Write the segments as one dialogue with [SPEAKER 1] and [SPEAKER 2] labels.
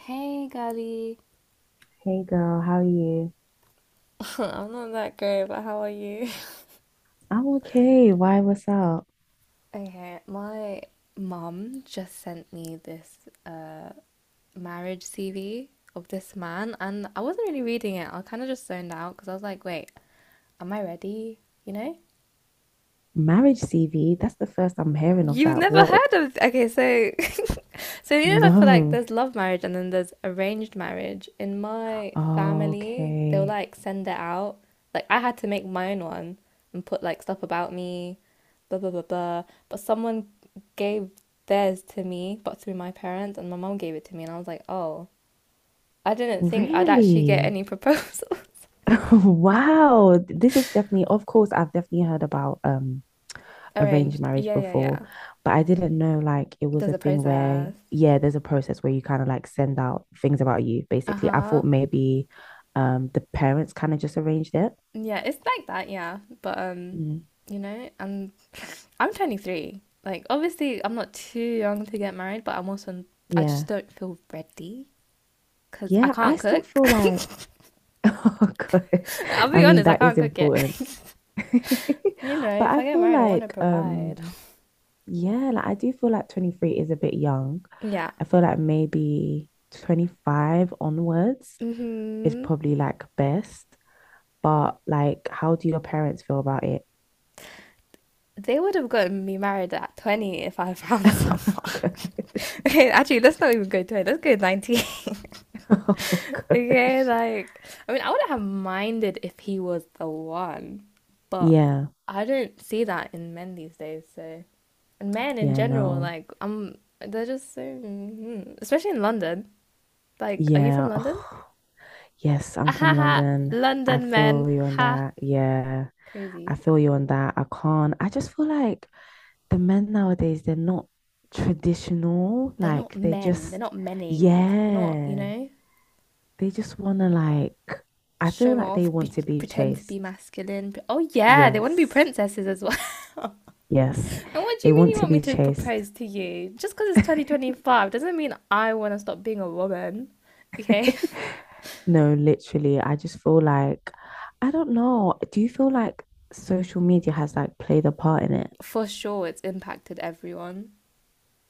[SPEAKER 1] Hey, Gabby.
[SPEAKER 2] Hey girl, how are you?
[SPEAKER 1] I'm not that great, but how are you?
[SPEAKER 2] I'm okay. Why, what's up?
[SPEAKER 1] Okay, my mum just sent me this marriage CV of this man, and I wasn't really reading it. I kind of just zoned out because I was like, wait, am I ready? You know?
[SPEAKER 2] Marriage CV? That's the first I'm hearing of
[SPEAKER 1] You've
[SPEAKER 2] that.
[SPEAKER 1] never
[SPEAKER 2] What?
[SPEAKER 1] heard of okay, so so you know, I feel like
[SPEAKER 2] No.
[SPEAKER 1] there's love marriage and then there's arranged marriage. In my family, they'll
[SPEAKER 2] Okay.
[SPEAKER 1] like send it out. Like I had to make my own one and put like stuff about me, blah blah blah blah. But someone gave theirs to me, but through my parents, and my mum gave it to me, and I was like, oh, I didn't think I'd actually get any
[SPEAKER 2] Really?
[SPEAKER 1] proposals.
[SPEAKER 2] Wow. This is definitely, of course, I've definitely heard about arranged
[SPEAKER 1] Arranged.
[SPEAKER 2] marriage
[SPEAKER 1] Yeah, yeah, yeah.
[SPEAKER 2] before, but I didn't know like it was
[SPEAKER 1] There's
[SPEAKER 2] a
[SPEAKER 1] a
[SPEAKER 2] thing where,
[SPEAKER 1] process.
[SPEAKER 2] yeah, there's a process where you kind of like send out things about you,
[SPEAKER 1] Uh
[SPEAKER 2] basically. I
[SPEAKER 1] huh.
[SPEAKER 2] thought maybe the parents kind of just arranged it.
[SPEAKER 1] Yeah, it's like that, yeah. But
[SPEAKER 2] Mm.
[SPEAKER 1] you know, I'm I'm 23. Like obviously, I'm not too young to get married, but I'm also I just
[SPEAKER 2] Yeah.
[SPEAKER 1] don't feel ready because I
[SPEAKER 2] Yeah, I
[SPEAKER 1] can't
[SPEAKER 2] still
[SPEAKER 1] cook.
[SPEAKER 2] feel like Oh gosh.
[SPEAKER 1] I'll
[SPEAKER 2] I
[SPEAKER 1] be
[SPEAKER 2] mean,
[SPEAKER 1] honest, I
[SPEAKER 2] that is
[SPEAKER 1] can't cook yet.
[SPEAKER 2] important.
[SPEAKER 1] You know,
[SPEAKER 2] But
[SPEAKER 1] if
[SPEAKER 2] I
[SPEAKER 1] I get
[SPEAKER 2] feel
[SPEAKER 1] married, I want to
[SPEAKER 2] like
[SPEAKER 1] provide.
[SPEAKER 2] yeah, like I do feel like 23 is a bit young.
[SPEAKER 1] Yeah.
[SPEAKER 2] I feel like maybe 25 onwards is
[SPEAKER 1] Hmm.
[SPEAKER 2] probably like best. But like how do your parents feel about it?
[SPEAKER 1] They would have gotten me married at 20 if I found someone. Okay, actually, let's not even go 20. Let's go 19.
[SPEAKER 2] Oh
[SPEAKER 1] Okay,
[SPEAKER 2] gosh.
[SPEAKER 1] like, I mean, I wouldn't have minded if he was the one, but
[SPEAKER 2] Yeah.
[SPEAKER 1] I don't see that in men these days, so. And men in
[SPEAKER 2] Yeah,
[SPEAKER 1] general,
[SPEAKER 2] no.
[SPEAKER 1] like, they're just so. Mhm. Especially in London. Like, are you from
[SPEAKER 2] Yeah.
[SPEAKER 1] London?
[SPEAKER 2] Oh, yes,
[SPEAKER 1] Ah,
[SPEAKER 2] I'm
[SPEAKER 1] ha
[SPEAKER 2] from
[SPEAKER 1] ha!
[SPEAKER 2] London. I
[SPEAKER 1] London men!
[SPEAKER 2] feel you on
[SPEAKER 1] Ha!
[SPEAKER 2] that. Yeah. I
[SPEAKER 1] Crazy.
[SPEAKER 2] feel you on that. I can't. I just feel like the men nowadays, they're not traditional.
[SPEAKER 1] They're not
[SPEAKER 2] Like they
[SPEAKER 1] men. They're
[SPEAKER 2] just,
[SPEAKER 1] not menning. They're not, you
[SPEAKER 2] yeah,
[SPEAKER 1] know,
[SPEAKER 2] they just want to like, I feel
[SPEAKER 1] show
[SPEAKER 2] like they
[SPEAKER 1] off,
[SPEAKER 2] want to be
[SPEAKER 1] pretend to be
[SPEAKER 2] chased.
[SPEAKER 1] masculine. Oh, yeah, they want to be
[SPEAKER 2] Yes.
[SPEAKER 1] princesses as well.
[SPEAKER 2] Yes.
[SPEAKER 1] And what do
[SPEAKER 2] They
[SPEAKER 1] you mean
[SPEAKER 2] want
[SPEAKER 1] you
[SPEAKER 2] to
[SPEAKER 1] want me
[SPEAKER 2] be
[SPEAKER 1] to
[SPEAKER 2] chased.
[SPEAKER 1] propose to you? Just because it's 2025 doesn't mean I want to stop being a woman. Okay?
[SPEAKER 2] No, literally, I just feel like, I don't know. Do you feel like social media has like played a part in it?
[SPEAKER 1] For sure, it's impacted everyone.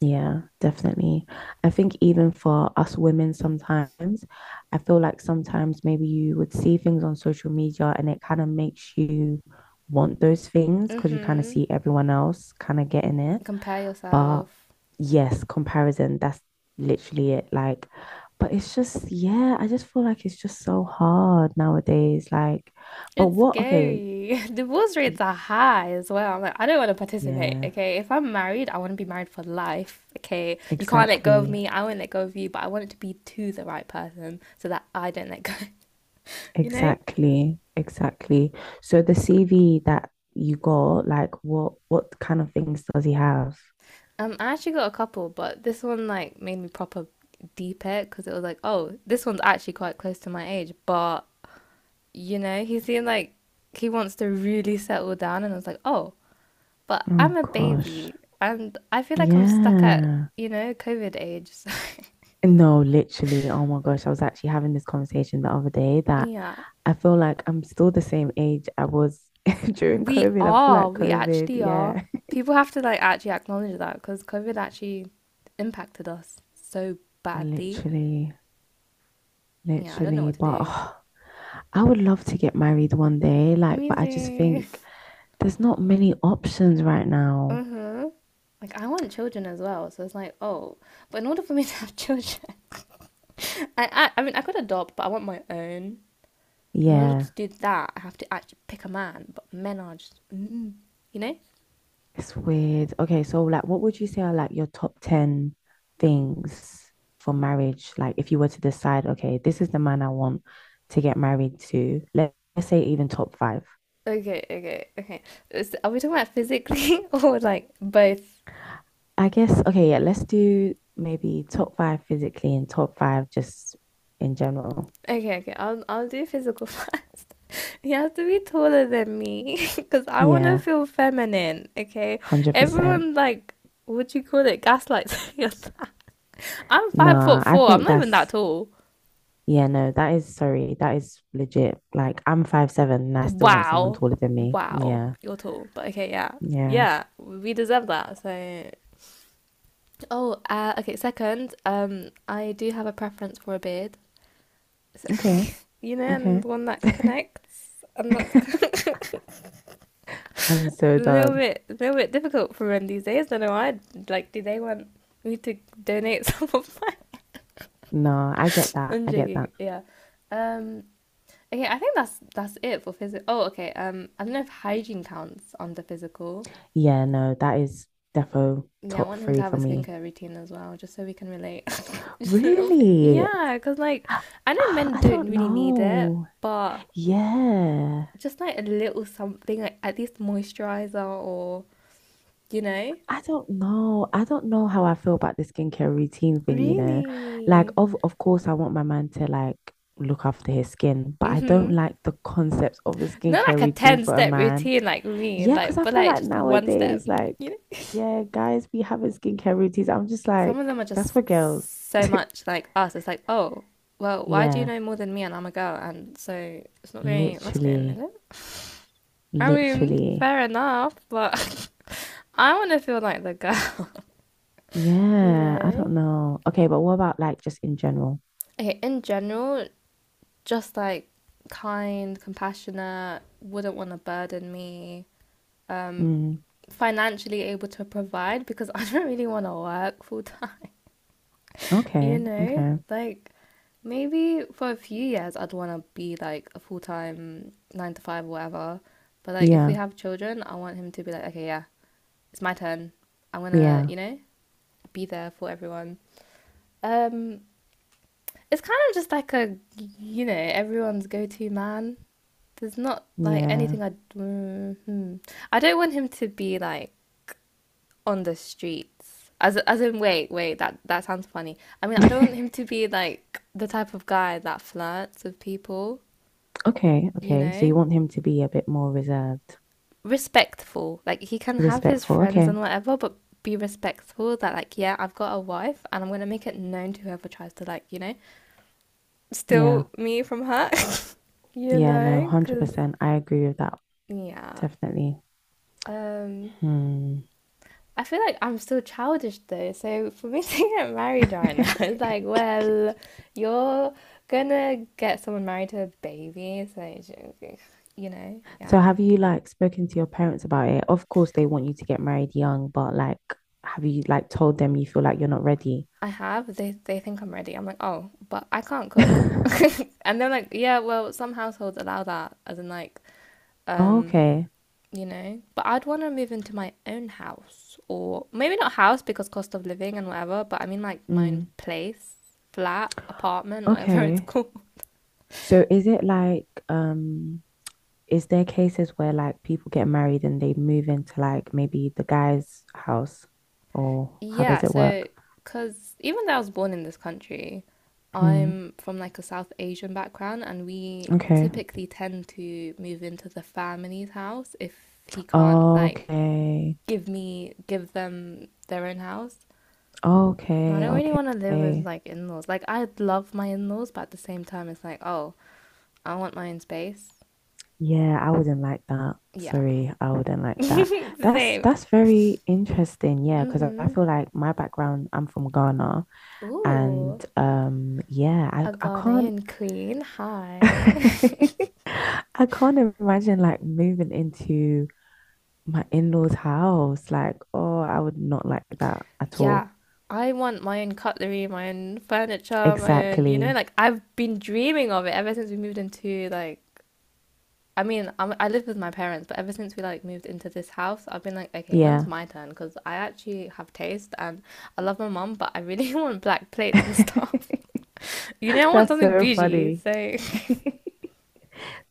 [SPEAKER 2] Yeah, definitely. I think even for us women, sometimes I feel like sometimes maybe you would see things on social media and it kind of makes you want those things
[SPEAKER 1] Mm
[SPEAKER 2] because you kind of
[SPEAKER 1] hmm.
[SPEAKER 2] see everyone else kind of getting it.
[SPEAKER 1] Compare
[SPEAKER 2] But
[SPEAKER 1] yourself.
[SPEAKER 2] yes, comparison, that's literally it. Like, but it's just, yeah, I just feel like it's just so hard nowadays. Like, but
[SPEAKER 1] It's
[SPEAKER 2] what, okay,
[SPEAKER 1] scary. Divorce rates
[SPEAKER 2] y-
[SPEAKER 1] are high as well. I'm like, I don't want to participate.
[SPEAKER 2] yeah,
[SPEAKER 1] Okay? If I'm married, I want to be married for life. Okay? You can't let go of
[SPEAKER 2] exactly.
[SPEAKER 1] me. I won't let go of you. But I want it to be to the right person so that I don't let go. You know?
[SPEAKER 2] Exactly, exactly. So the CV that you got, like what kind of things does he have?
[SPEAKER 1] I actually got a couple, but this one like made me proper deep it because it was like, oh, this one's actually quite close to my age, but you know, he seemed like he wants to really settle down, and I was like, oh, but
[SPEAKER 2] Oh
[SPEAKER 1] I'm a
[SPEAKER 2] gosh.
[SPEAKER 1] baby, and I feel like I'm stuck at
[SPEAKER 2] Yeah.
[SPEAKER 1] COVID age. So,
[SPEAKER 2] No, literally. Oh my gosh. I was actually having this conversation the other day that
[SPEAKER 1] yeah,
[SPEAKER 2] I feel like I'm still the same age I was during
[SPEAKER 1] we
[SPEAKER 2] COVID. I feel
[SPEAKER 1] are,
[SPEAKER 2] like
[SPEAKER 1] we
[SPEAKER 2] COVID,
[SPEAKER 1] actually are.
[SPEAKER 2] yeah.
[SPEAKER 1] People have to like actually acknowledge that because COVID actually impacted us so badly.
[SPEAKER 2] Literally,
[SPEAKER 1] Yeah, I don't know
[SPEAKER 2] literally.
[SPEAKER 1] what to
[SPEAKER 2] But
[SPEAKER 1] do.
[SPEAKER 2] oh, I would love to get married one day, like, but I just
[SPEAKER 1] Music.
[SPEAKER 2] think there's not many options right now.
[SPEAKER 1] Uh-huh. Like I want children as well, so it's like, oh, but in order for me to have children, I mean I could adopt, but I want my own. In order
[SPEAKER 2] Yeah.
[SPEAKER 1] to do that, I have to actually pick a man, but men are just, you know?
[SPEAKER 2] It's weird. Okay, so like what would you say are like your top 10 things for marriage? Like if you were to decide, okay, this is the man I want to get married to. Let- Let's say even top five.
[SPEAKER 1] Okay, okay, okay. Are we talking about physically or like both?
[SPEAKER 2] I guess, okay, yeah, let's do maybe top five physically and top five just in general.
[SPEAKER 1] Okay, okay. I'll do physical first. He has to be taller than me because I want to
[SPEAKER 2] Yeah,
[SPEAKER 1] feel feminine. Okay,
[SPEAKER 2] 100%.
[SPEAKER 1] everyone like what do you call it? Gaslights me on that. I'm five foot
[SPEAKER 2] Nah, I
[SPEAKER 1] four. I'm
[SPEAKER 2] think
[SPEAKER 1] not even that
[SPEAKER 2] that's,
[SPEAKER 1] tall.
[SPEAKER 2] yeah, no, that is, sorry, that is legit. Like I'm 5'7" and I still want someone
[SPEAKER 1] Wow.
[SPEAKER 2] taller than me.
[SPEAKER 1] Wow.
[SPEAKER 2] Yeah,
[SPEAKER 1] You're tall. But okay, yeah.
[SPEAKER 2] yeah.
[SPEAKER 1] Yeah, we deserve that. So, oh, okay. Second, I do have a preference for a beard. So,
[SPEAKER 2] Okay,
[SPEAKER 1] you know,
[SPEAKER 2] okay.
[SPEAKER 1] and one that connects, and that's
[SPEAKER 2] I'm
[SPEAKER 1] a
[SPEAKER 2] so
[SPEAKER 1] little
[SPEAKER 2] done.
[SPEAKER 1] bit, a little bit difficult for men these days. I don't know why. Like, do they want me to donate some of mine?
[SPEAKER 2] No, I get that.
[SPEAKER 1] I'm
[SPEAKER 2] I get
[SPEAKER 1] joking.
[SPEAKER 2] that.
[SPEAKER 1] Yeah. Um, Okay, I think that's it for physical. Oh, okay. I don't know if hygiene counts under physical.
[SPEAKER 2] Yeah, no, that is defo
[SPEAKER 1] Yeah, I
[SPEAKER 2] top
[SPEAKER 1] want him to
[SPEAKER 2] three
[SPEAKER 1] have
[SPEAKER 2] for
[SPEAKER 1] a
[SPEAKER 2] me.
[SPEAKER 1] skincare routine as well, just so we can relate. Just a little bit.
[SPEAKER 2] Really?
[SPEAKER 1] Yeah, because like I know men
[SPEAKER 2] I
[SPEAKER 1] don't
[SPEAKER 2] don't
[SPEAKER 1] really need it,
[SPEAKER 2] know.
[SPEAKER 1] but
[SPEAKER 2] Yeah.
[SPEAKER 1] just like a little something, like at least moisturizer or you know,
[SPEAKER 2] I don't know. I don't know how I feel about the skincare routine thing, you know. Like
[SPEAKER 1] really.
[SPEAKER 2] of course I want my man to like look after his skin, but I don't
[SPEAKER 1] Mm-hmm.
[SPEAKER 2] like the concept of a
[SPEAKER 1] Not like
[SPEAKER 2] skincare
[SPEAKER 1] a
[SPEAKER 2] routine
[SPEAKER 1] ten
[SPEAKER 2] for a
[SPEAKER 1] step
[SPEAKER 2] man.
[SPEAKER 1] routine like me,
[SPEAKER 2] Yeah, because
[SPEAKER 1] like
[SPEAKER 2] I
[SPEAKER 1] but
[SPEAKER 2] feel
[SPEAKER 1] like
[SPEAKER 2] like
[SPEAKER 1] just one step,
[SPEAKER 2] nowadays, like,
[SPEAKER 1] you know.
[SPEAKER 2] yeah, guys be having skincare routines. I'm just
[SPEAKER 1] Some
[SPEAKER 2] like,
[SPEAKER 1] of them are
[SPEAKER 2] that's for girls.
[SPEAKER 1] just so much like us. It's like, oh, well, why do you
[SPEAKER 2] Yeah,
[SPEAKER 1] know more than me and I'm a girl? And so it's not very masculine, is
[SPEAKER 2] literally,
[SPEAKER 1] it? I mean,
[SPEAKER 2] literally.
[SPEAKER 1] fair enough, but I want to feel like the girl, you
[SPEAKER 2] Yeah, I
[SPEAKER 1] know?
[SPEAKER 2] don't know. Okay, but what about like just in general?
[SPEAKER 1] Okay, in general, just like kind, compassionate, wouldn't want to burden me, um,
[SPEAKER 2] Mm,
[SPEAKER 1] financially able to provide because I don't really want to work full time. You
[SPEAKER 2] okay,
[SPEAKER 1] know,
[SPEAKER 2] okay.
[SPEAKER 1] like maybe for a few years I'd want to be like a full-time 9 to 5, or whatever. But like if we
[SPEAKER 2] Yeah,
[SPEAKER 1] have children, I want him to be like, okay, yeah, it's my turn. I'm gonna,
[SPEAKER 2] yeah,
[SPEAKER 1] you know, be there for everyone. Um, it's kind of just like a, you know, everyone's go-to man. There's not like
[SPEAKER 2] yeah.
[SPEAKER 1] anything I, mm, hmm. I don't want him to be like on the streets. As in, wait, wait, that sounds funny. I mean, I don't want him to be like the type of guy that flirts with people,
[SPEAKER 2] Okay,
[SPEAKER 1] you
[SPEAKER 2] okay. So
[SPEAKER 1] know?
[SPEAKER 2] you want him to be a bit more reserved,
[SPEAKER 1] Respectful. Like he can have his
[SPEAKER 2] respectful.
[SPEAKER 1] friends
[SPEAKER 2] Okay.
[SPEAKER 1] and whatever, but be respectful that like, yeah, I've got a wife and I'm gonna make it known to whoever tries to like, you know,
[SPEAKER 2] Yeah.
[SPEAKER 1] steal me from her. You
[SPEAKER 2] Yeah, no,
[SPEAKER 1] know, because
[SPEAKER 2] 100%. I agree with that.
[SPEAKER 1] yeah.
[SPEAKER 2] Definitely.
[SPEAKER 1] Um
[SPEAKER 2] Hmm.
[SPEAKER 1] I feel like I'm still childish though. So for me to get married right now, it's like, well, you're gonna get someone married to a baby. So, you know, yeah.
[SPEAKER 2] So have you like spoken to your parents about it? Of course they want you to get married young, but like have you like told them you feel like you're not ready?
[SPEAKER 1] I have. They think I'm ready. I'm like, oh, but I can't cook. And they're like, yeah, well, some households allow that, as in like,
[SPEAKER 2] Oh,
[SPEAKER 1] um,
[SPEAKER 2] okay.
[SPEAKER 1] you know. But I'd want to move into my own house, or maybe not house because cost of living and whatever. But I mean like my own
[SPEAKER 2] Mm,
[SPEAKER 1] place, flat, apartment, whatever it's
[SPEAKER 2] okay.
[SPEAKER 1] called.
[SPEAKER 2] So is it like is there cases where like people get married and they move into like maybe the guy's house or how
[SPEAKER 1] Yeah,
[SPEAKER 2] does it
[SPEAKER 1] so
[SPEAKER 2] work?
[SPEAKER 1] because even though I was born in this country,
[SPEAKER 2] Mm,
[SPEAKER 1] I'm from like a South Asian background, and we
[SPEAKER 2] okay.
[SPEAKER 1] typically tend to move into the family's house if he can't like
[SPEAKER 2] Okay.
[SPEAKER 1] give them their own house. And I
[SPEAKER 2] Okay.
[SPEAKER 1] don't really want to live with
[SPEAKER 2] Okay.
[SPEAKER 1] like in-laws. Like I love my in-laws, but at the same time, it's like, oh, I want my own space.
[SPEAKER 2] Yeah, I wouldn't like that.
[SPEAKER 1] Yeah,
[SPEAKER 2] Sorry, I wouldn't like that. That's
[SPEAKER 1] same.
[SPEAKER 2] that's very interesting. Yeah, because I
[SPEAKER 1] Mhm.
[SPEAKER 2] feel like my background, I'm from Ghana,
[SPEAKER 1] Ooh,
[SPEAKER 2] and yeah, I
[SPEAKER 1] a
[SPEAKER 2] I can't
[SPEAKER 1] Ghanaian queen. Hi.
[SPEAKER 2] I can't imagine like moving into my in-laws' house. Like, oh, I would not like that at
[SPEAKER 1] Yeah,
[SPEAKER 2] all.
[SPEAKER 1] I want my own cutlery, my own furniture, my own, you know,
[SPEAKER 2] Exactly.
[SPEAKER 1] like I've been dreaming of it ever since we moved into like I mean, I live with my parents, but ever since we like moved into this house, I've been like, okay, when's
[SPEAKER 2] Yeah.
[SPEAKER 1] my turn? Because I actually have taste and I love my mum, but I really want black plates and stuff. You know, I want
[SPEAKER 2] That's
[SPEAKER 1] something
[SPEAKER 2] so
[SPEAKER 1] bougie,
[SPEAKER 2] funny.
[SPEAKER 1] so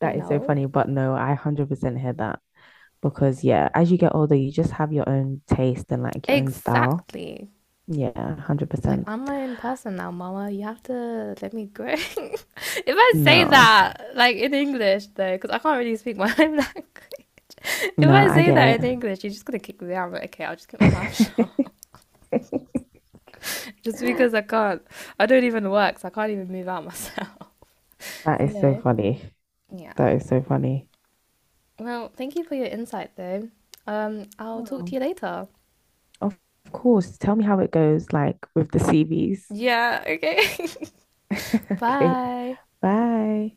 [SPEAKER 1] you
[SPEAKER 2] That is so
[SPEAKER 1] know.
[SPEAKER 2] funny, but no, I 100% hear that. Because yeah, as you get older, you just have your own taste and like your own style.
[SPEAKER 1] Exactly.
[SPEAKER 2] Yeah,
[SPEAKER 1] Like
[SPEAKER 2] 100%.
[SPEAKER 1] I'm my own person now, Mama. You have to let me grow. If I say
[SPEAKER 2] No,
[SPEAKER 1] that like in English though, because I can't really speak my own language. If
[SPEAKER 2] no,
[SPEAKER 1] I
[SPEAKER 2] I
[SPEAKER 1] say that
[SPEAKER 2] get
[SPEAKER 1] in
[SPEAKER 2] it.
[SPEAKER 1] English, you're just gonna kick me out. I'm like, okay, I'll just keep my mouth shut. Just because I can't, I don't even work, so I can't even move out myself.
[SPEAKER 2] That
[SPEAKER 1] You
[SPEAKER 2] is so
[SPEAKER 1] know?
[SPEAKER 2] funny.
[SPEAKER 1] Yeah.
[SPEAKER 2] That is so funny.
[SPEAKER 1] Well, thank you for your insight though. I'll talk to
[SPEAKER 2] Wow.
[SPEAKER 1] you later.
[SPEAKER 2] Of of course. Tell me how it goes, like with the CVs.
[SPEAKER 1] Yeah. Okay.
[SPEAKER 2] Okay.
[SPEAKER 1] Bye.
[SPEAKER 2] Bye.